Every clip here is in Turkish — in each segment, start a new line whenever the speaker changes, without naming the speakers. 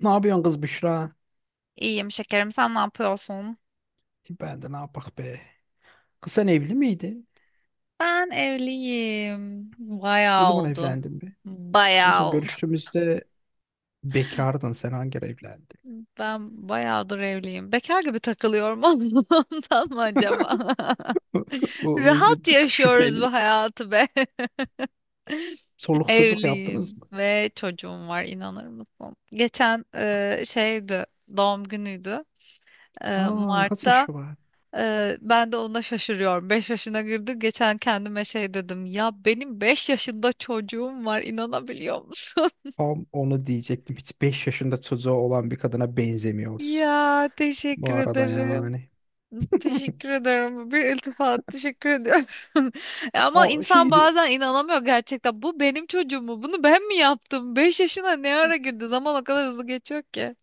Ne yapıyorsun kız Büşra?
İyiyim şekerim. Sen ne yapıyorsun?
Ben de ne yapak be. Kız sen evli miydin?
Ben evliyim.
Ne
Bayağı
zaman
oldu.
evlendin be? En son
Bayağı oldu.
görüştüğümüzde bekardın. Sen hangi ara evlendin?
Ben bayağıdır evliyim. Bekar gibi takılıyorum ondan mı acaba?
Bu bir
Rahat
tık
yaşıyoruz
şüpheli.
bu hayatı be.
Soluksuzluk yaptınız
Evliyim
mı?
ve çocuğum var inanır mısın? Geçen şeydi doğum günüydü
Aa kaç
Mart'ta.
yaşı var?
Ben de ona şaşırıyorum. 5 yaşına girdi. Geçen kendime şey dedim. Ya benim 5 yaşında çocuğum var. İnanabiliyor musun?
Tam onu diyecektim. Hiç 5 yaşında çocuğu olan bir kadına benzemiyorsun.
Ya
Bu
teşekkür
arada
ederim.
yani.
Teşekkür ederim. Bir iltifat teşekkür ediyorum. E ama
O
insan
şey
bazen inanamıyor gerçekten. Bu benim çocuğum mu? Bunu ben mi yaptım? 5 yaşına ne ara girdi? Zaman o kadar hızlı geçiyor ki.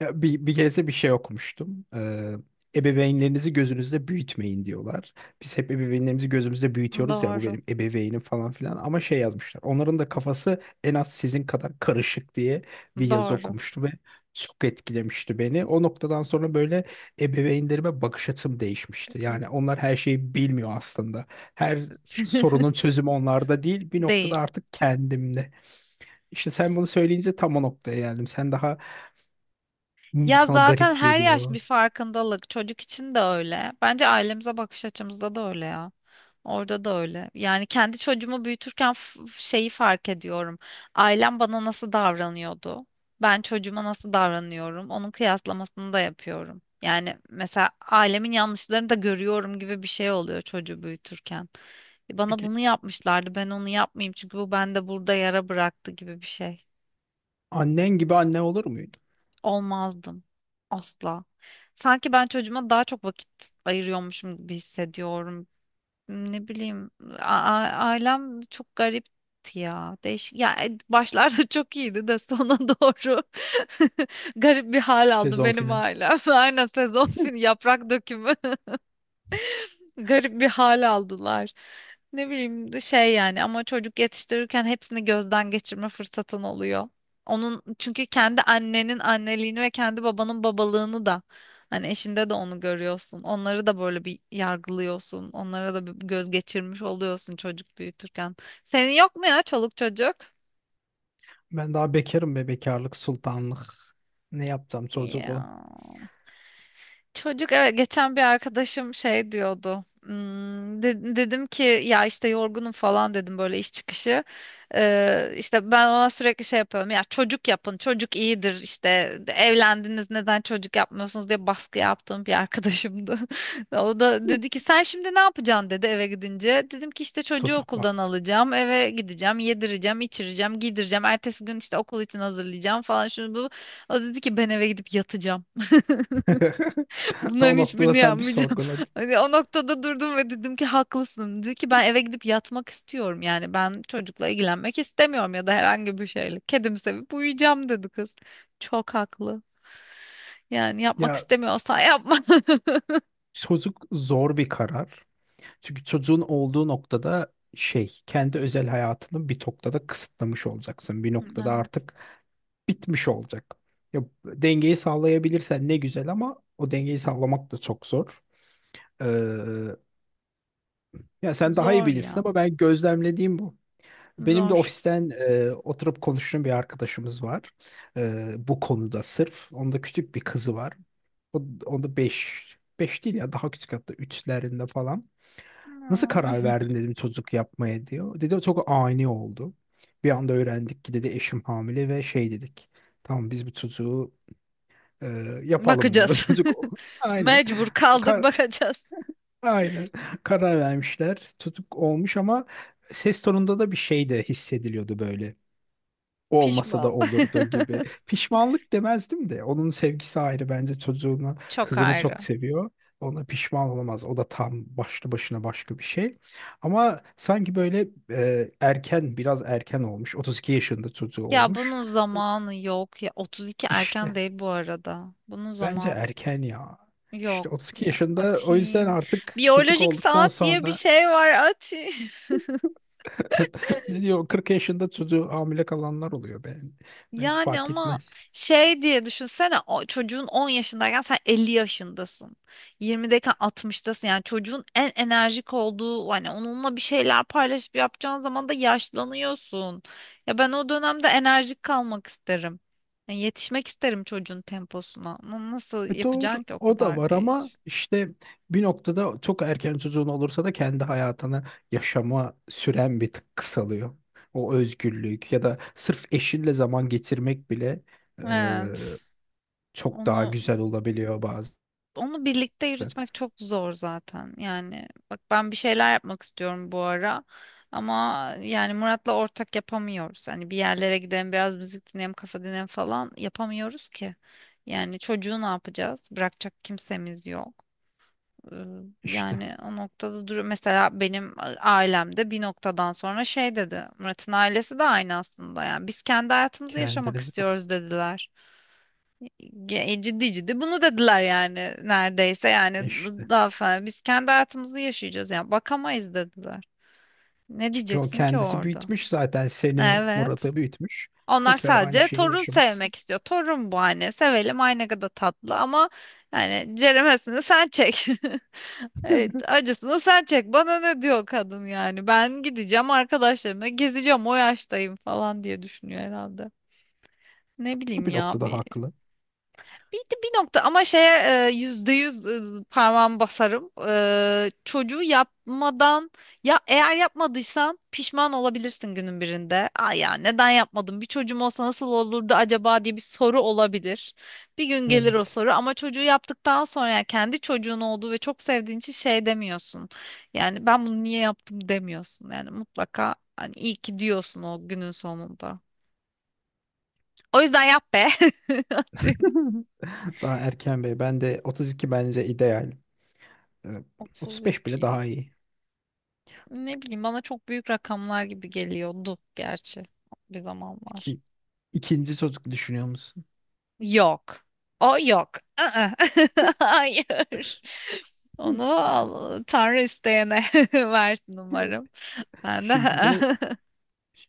Ya bir, bir kez de bir şey okumuştum. Ebeveynlerinizi gözünüzde büyütmeyin diyorlar. Biz hep ebeveynlerimizi gözümüzde büyütüyoruz, ya bu
Doğru.
benim ebeveynim falan filan, ama şey yazmışlar. Onların da kafası en az sizin kadar karışık diye bir yazı
Doğru.
okumuştum ve çok etkilemişti beni. O noktadan sonra böyle ebeveynlerime bakış açım değişmişti. Yani onlar her şeyi bilmiyor aslında. Her sorunun çözümü onlarda değil, bir
Değil.
noktada artık kendimde. İşte sen bunu söyleyince tam o noktaya geldim.
Ya
Sana
zaten
garip
her yaş bir
geliyor.
farkındalık. Çocuk için de öyle. Bence ailemize bakış açımızda da öyle ya. Orada da öyle. Yani kendi çocuğumu büyütürken şeyi fark ediyorum. Ailem bana nasıl davranıyordu? Ben çocuğuma nasıl davranıyorum? Onun kıyaslamasını da yapıyorum. Yani mesela ailemin yanlışlarını da görüyorum gibi bir şey oluyor çocuğu büyütürken. Bana
Peki,
bunu yapmışlardı. Ben onu yapmayayım çünkü bu bende burada yara bıraktı gibi bir şey.
annen gibi anne olur muydu?
Olmazdım. Asla. Sanki ben çocuğuma daha çok vakit ayırıyormuşum gibi hissediyorum. Ne bileyim, ailem çok garipti ya. Değişik. Ya başlarda çok iyiydi de sona doğru garip bir hal aldı
Sezon
benim
final.
ailem. Aynen sezon fin yaprak dökümü. Garip bir hal aldılar. Ne bileyim de şey yani ama çocuk yetiştirirken hepsini gözden geçirme fırsatın oluyor. Onun çünkü kendi annenin anneliğini ve kendi babanın babalığını da hani eşinde de onu görüyorsun. Onları da böyle bir yargılıyorsun. Onlara da bir göz geçirmiş oluyorsun çocuk büyütürken. Senin yok mu ya çoluk çocuk?
Ben daha bekarım be, bekarlık sultanlık. Ne yapacağım çocuk o.
Ya. Çocuk evet, geçen bir arkadaşım şey diyordu. Hmm, dedim ki ya işte yorgunum falan dedim böyle iş çıkışı. İşte ben ona sürekli şey yapıyorum. Ya çocuk yapın, çocuk iyidir. İşte. Evlendiniz neden çocuk yapmıyorsunuz diye baskı yaptığım bir arkadaşımdı. O da dedi ki sen şimdi ne yapacaksın dedi eve gidince. Dedim ki işte çocuğu
Çocuk
okuldan
baktı.
alacağım, eve gideceğim, yedireceğim, içireceğim, giydireceğim. Ertesi gün işte okul için hazırlayacağım falan şunu bu. O dedi ki ben eve gidip yatacağım.
O
Bunların
noktada
hiçbirini
sen bir
yapmayacağım.
sorguladın.
Hani o noktada durdum ve dedim ki haklısın. Dedi ki ben eve gidip yatmak istiyorum. Yani ben çocukla ilgilenmek istemiyorum ya da herhangi bir şeyle. Kedimi sevip uyuyacağım dedi kız. Çok haklı. Yani yapmak
Ya,
istemiyorsan yapma.
çocuk zor bir karar. Çünkü çocuğun olduğu noktada şey, kendi özel hayatını bir noktada kısıtlamış olacaksın. Bir noktada
Hmm,
artık bitmiş olacak. Ya dengeyi sağlayabilirsen ne güzel, ama o dengeyi sağlamak da çok zor. Ee, Ya sen daha iyi
zor ya.
bilirsin ama ben gözlemlediğim bu. Benim de
Zor.
ofisten oturup konuştuğum bir arkadaşımız var. Bu konuda sırf. Onda küçük bir kızı var. Onda beş, 5 değil ya, daha küçük, hatta üçlerinde falan. Nasıl karar
Hmm.
verdin dedim çocuk yapmaya, diyor. Dedi çok ani oldu. Bir anda öğrendik ki, dedi, eşim hamile ve şey dedik. Tamam, biz bu çocuğu e, yapalım, diyor.
Bakacağız.
Çocuk aynen.
Mecbur kaldık
Kar-
bakacağız.
Aynen karar vermişler. Tutuk olmuş ama ses tonunda da bir şey de hissediliyordu böyle. Olmasa da
Pişman.
olurdu gibi. Pişmanlık demezdim de. Onun sevgisi ayrı, bence çocuğunu,
Çok
kızını
ayrı.
çok seviyor. Ona pişman olamaz. O da tam başlı başına başka bir şey. Ama sanki böyle erken, biraz erken olmuş. 32 yaşında çocuğu
Ya
olmuş.
bunun zamanı yok ya. 32 erken
İşte
değil bu arada. Bunun
bence
zamanı
erken ya. İşte
yok
32
ya
yaşında, o yüzden
Atin.
artık çocuk
Biyolojik
olduktan
saat diye bir
sonra.
şey var Atin.
Ne diyor? 40 yaşında çocuğu hamile kalanlar oluyor. Bence
Yani
fark
ama
etmez.
şey diye düşünsene o çocuğun 10 yaşındayken sen 50 yaşındasın. 20'deyken 60'tasın. Yani çocuğun en enerjik olduğu hani onunla bir şeyler paylaşıp yapacağın zaman da yaşlanıyorsun. Ya ben o dönemde enerjik kalmak isterim. Yani yetişmek isterim çocuğun temposuna. Ama nasıl
E
yapacaksın
doğru,
ki o
o da
kadar
var ama
geç?
işte bir noktada çok erken çocuğun olursa da kendi hayatını yaşama süren bir tık kısalıyor. O özgürlük ya da sırf eşinle zaman geçirmek bile
Evet.
çok daha
Onu
güzel olabiliyor bazen.
onu birlikte yürütmek çok zor zaten. Yani bak ben bir şeyler yapmak istiyorum bu ara. Ama yani Murat'la ortak yapamıyoruz. Hani bir yerlere gidelim, biraz müzik dinleyelim, kafa dinleyelim falan yapamıyoruz ki. Yani çocuğu ne yapacağız? Bırakacak kimsemiz yok. Ee,
İşte
Yani o noktada duruyor. Mesela benim ailemde bir noktadan sonra şey dedi. Murat'ın ailesi de aynı aslında. Yani biz kendi hayatımızı yaşamak
kendiniz bak.
istiyoruz dediler. Ciddi ciddi bunu dediler yani neredeyse yani
İşte.
daha fena biz kendi hayatımızı yaşayacağız yani bakamayız dediler. Ne
Çünkü o
diyeceksin ki
kendisi
orada?
büyütmüş zaten, seni
Evet.
Murat'a büyütmüş.
Onlar
Tekrar aynı
sadece
şeyi
torun
yaşamak istiyor.
sevmek istiyor. Torun bu hani sevelim ay ne kadar tatlı ama yani ceremesini sen çek. Evet, acısını sen çek. Bana ne diyor kadın yani? Ben gideceğim arkadaşlarımla gezeceğim o yaştayım falan diye düşünüyor herhalde. Ne
Bu
bileyim
bir
ya
noktada
bir
haklı.
bir, bir nokta ama şeye yüzde yüz parmağımı basarım. Çocuğu yapmadan ya eğer yapmadıysan pişman olabilirsin günün birinde. Ay ya neden yapmadım? Bir çocuğum olsa nasıl olurdu acaba diye bir soru olabilir. Bir gün gelir o
Evet.
soru ama çocuğu yaptıktan sonra yani kendi çocuğun olduğu ve çok sevdiğin için şey demiyorsun. Yani ben bunu niye yaptım demiyorsun. Yani mutlaka hani iyi ki diyorsun o günün sonunda. O yüzden yap be. Atıyorum.
Daha erken bey. Ben de 32 bence ideal. Ee, 35 bile
32.
daha iyi.
Ne bileyim bana çok büyük rakamlar gibi geliyordu gerçi bir zamanlar.
İki, ikinci çocuk düşünüyor musun?
Yok. O yok. Aa, hayır. Tanrı isteyene versin
Hı.
umarım. Ben de
Şimdi de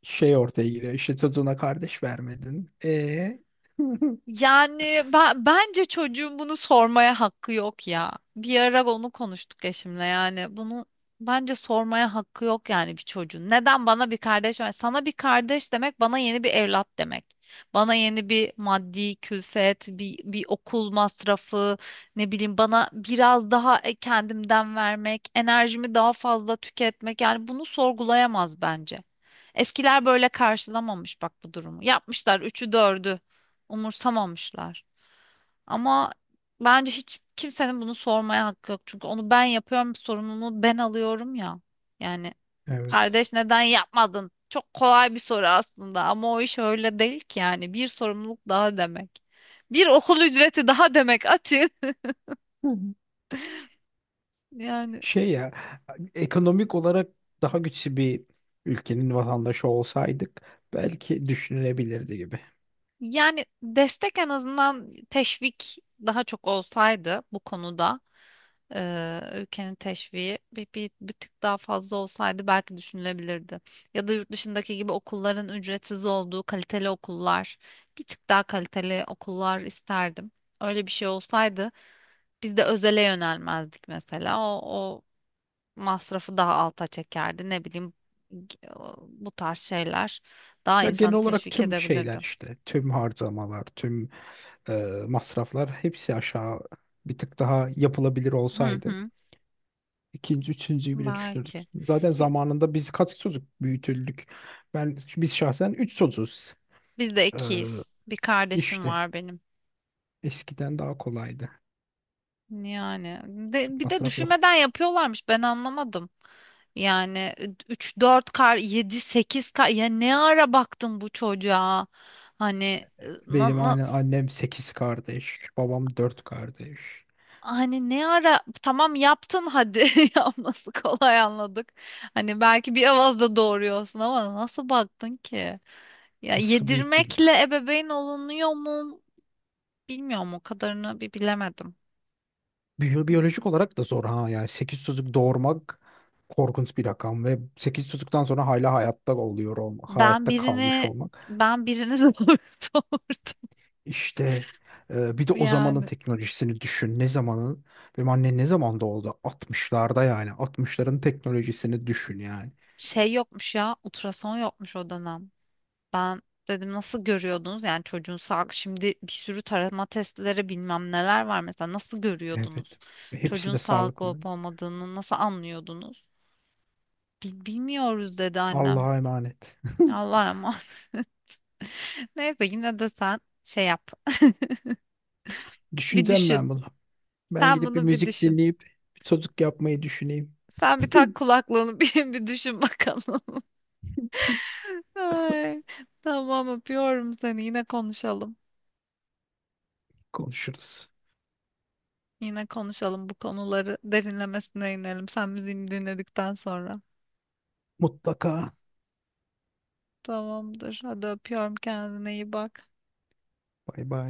şey ortaya giriyor. İşte çocuğuna kardeş vermedin. E.
yani ben, bence çocuğun bunu sormaya hakkı yok ya. Bir ara onu konuştuk eşimle yani bunu bence sormaya hakkı yok yani bir çocuğun. Neden bana bir kardeş var? Sana bir kardeş demek bana yeni bir evlat demek. Bana yeni bir maddi külfet, bir, bir okul masrafı, ne bileyim bana biraz daha kendimden vermek, enerjimi daha fazla tüketmek yani bunu sorgulayamaz bence. Eskiler böyle karşılamamış bak bu durumu. Yapmışlar üçü dördü umursamamışlar. Ama bence hiç kimsenin bunu sormaya hakkı yok. Çünkü onu ben yapıyorum, sorumluluğu ben alıyorum ya. Yani
Evet.
kardeş neden yapmadın? Çok kolay bir soru aslında ama o iş öyle değil ki yani. Bir sorumluluk daha demek. Bir okul ücreti daha demek Atin. Yani
Şey ya, ekonomik olarak daha güçlü bir ülkenin vatandaşı olsaydık belki düşünülebilirdi gibi.
yani destek en azından teşvik daha çok olsaydı bu konuda ülkenin teşviği bir tık daha fazla olsaydı belki düşünülebilirdi. Ya da yurt dışındaki gibi okulların ücretsiz olduğu kaliteli okullar, bir tık daha kaliteli okullar isterdim. Öyle bir şey olsaydı biz de özele yönelmezdik mesela. O masrafı daha alta çekerdi. Ne bileyim bu tarz şeyler daha
Ya genel
insanı
olarak
teşvik
tüm şeyler,
edebilirdi.
işte tüm harcamalar, tüm e, masraflar, hepsi aşağı bir tık daha yapılabilir
Hı
olsaydı,
hı.
İkinci, üçüncüyü bile düşünürdük.
Belki.
Zaten
Bi-
zamanında biz kaç çocuk büyütüldük. Ben, biz şahsen üç çocuğuz.
Biz de
E,
ikiyiz. Bir kardeşim
işte
var benim.
eskiden daha kolaydı.
Yani
Çok
bir de
masraf yoktu.
düşünmeden yapıyorlarmış. Ben anlamadım. Yani 3 4 kar 7 8 kar ya ne ara baktın bu çocuğa? Hani na,
Benim
na-
aynen annem 8 kardeş, babam 4 kardeş.
hani ne ara tamam yaptın hadi yapması kolay anladık. Hani belki bir avazda doğuruyorsun ama nasıl baktın ki? Ya
Nasıl büyüttü.
yedirmekle ebeveyn olunuyor mu? Bilmiyorum o kadarını bir bilemedim.
Biyolojik olarak da zor ha. Yani 8 çocuk doğurmak korkunç bir rakam ve 8 çocuktan sonra hala hayatta oluyor olmak,
Ben
hayatta kalmış
birini
olmak.
ben birini zor doğurdum
İşte bir de o zamanın
yani.
teknolojisini düşün. Ne zamanın? Benim anne ne zaman doğdu? Altmışlarda yani. Altmışların teknolojisini düşün yani.
Şey yokmuş ya ultrason yokmuş o dönem. Ben dedim nasıl görüyordunuz yani çocuğun sağlık şimdi bir sürü tarama testleri bilmem neler var mesela nasıl görüyordunuz?
Evet. Ve hepsi
Çocuğun
de
sağlıklı
sağlıklı.
olup olmadığını nasıl anlıyordunuz? Bilmiyoruz dedi annem.
Allah'a emanet.
Allah'a emanet. Neyse yine de sen şey yap. Bir
Düşüneceğim
düşün.
ben bunu. Ben
Sen
gidip bir
bunu bir
müzik
düşün.
dinleyip bir çocuk yapmayı düşüneyim.
Sen bir tak kulaklığını bir düşün bakalım. Ay, tamam öpüyorum seni. Yine konuşalım.
Konuşuruz.
Yine konuşalım bu konuları derinlemesine inelim. Sen müziğini dinledikten sonra.
Mutlaka.
Tamamdır. Hadi öpüyorum kendine iyi bak.
Bay bay.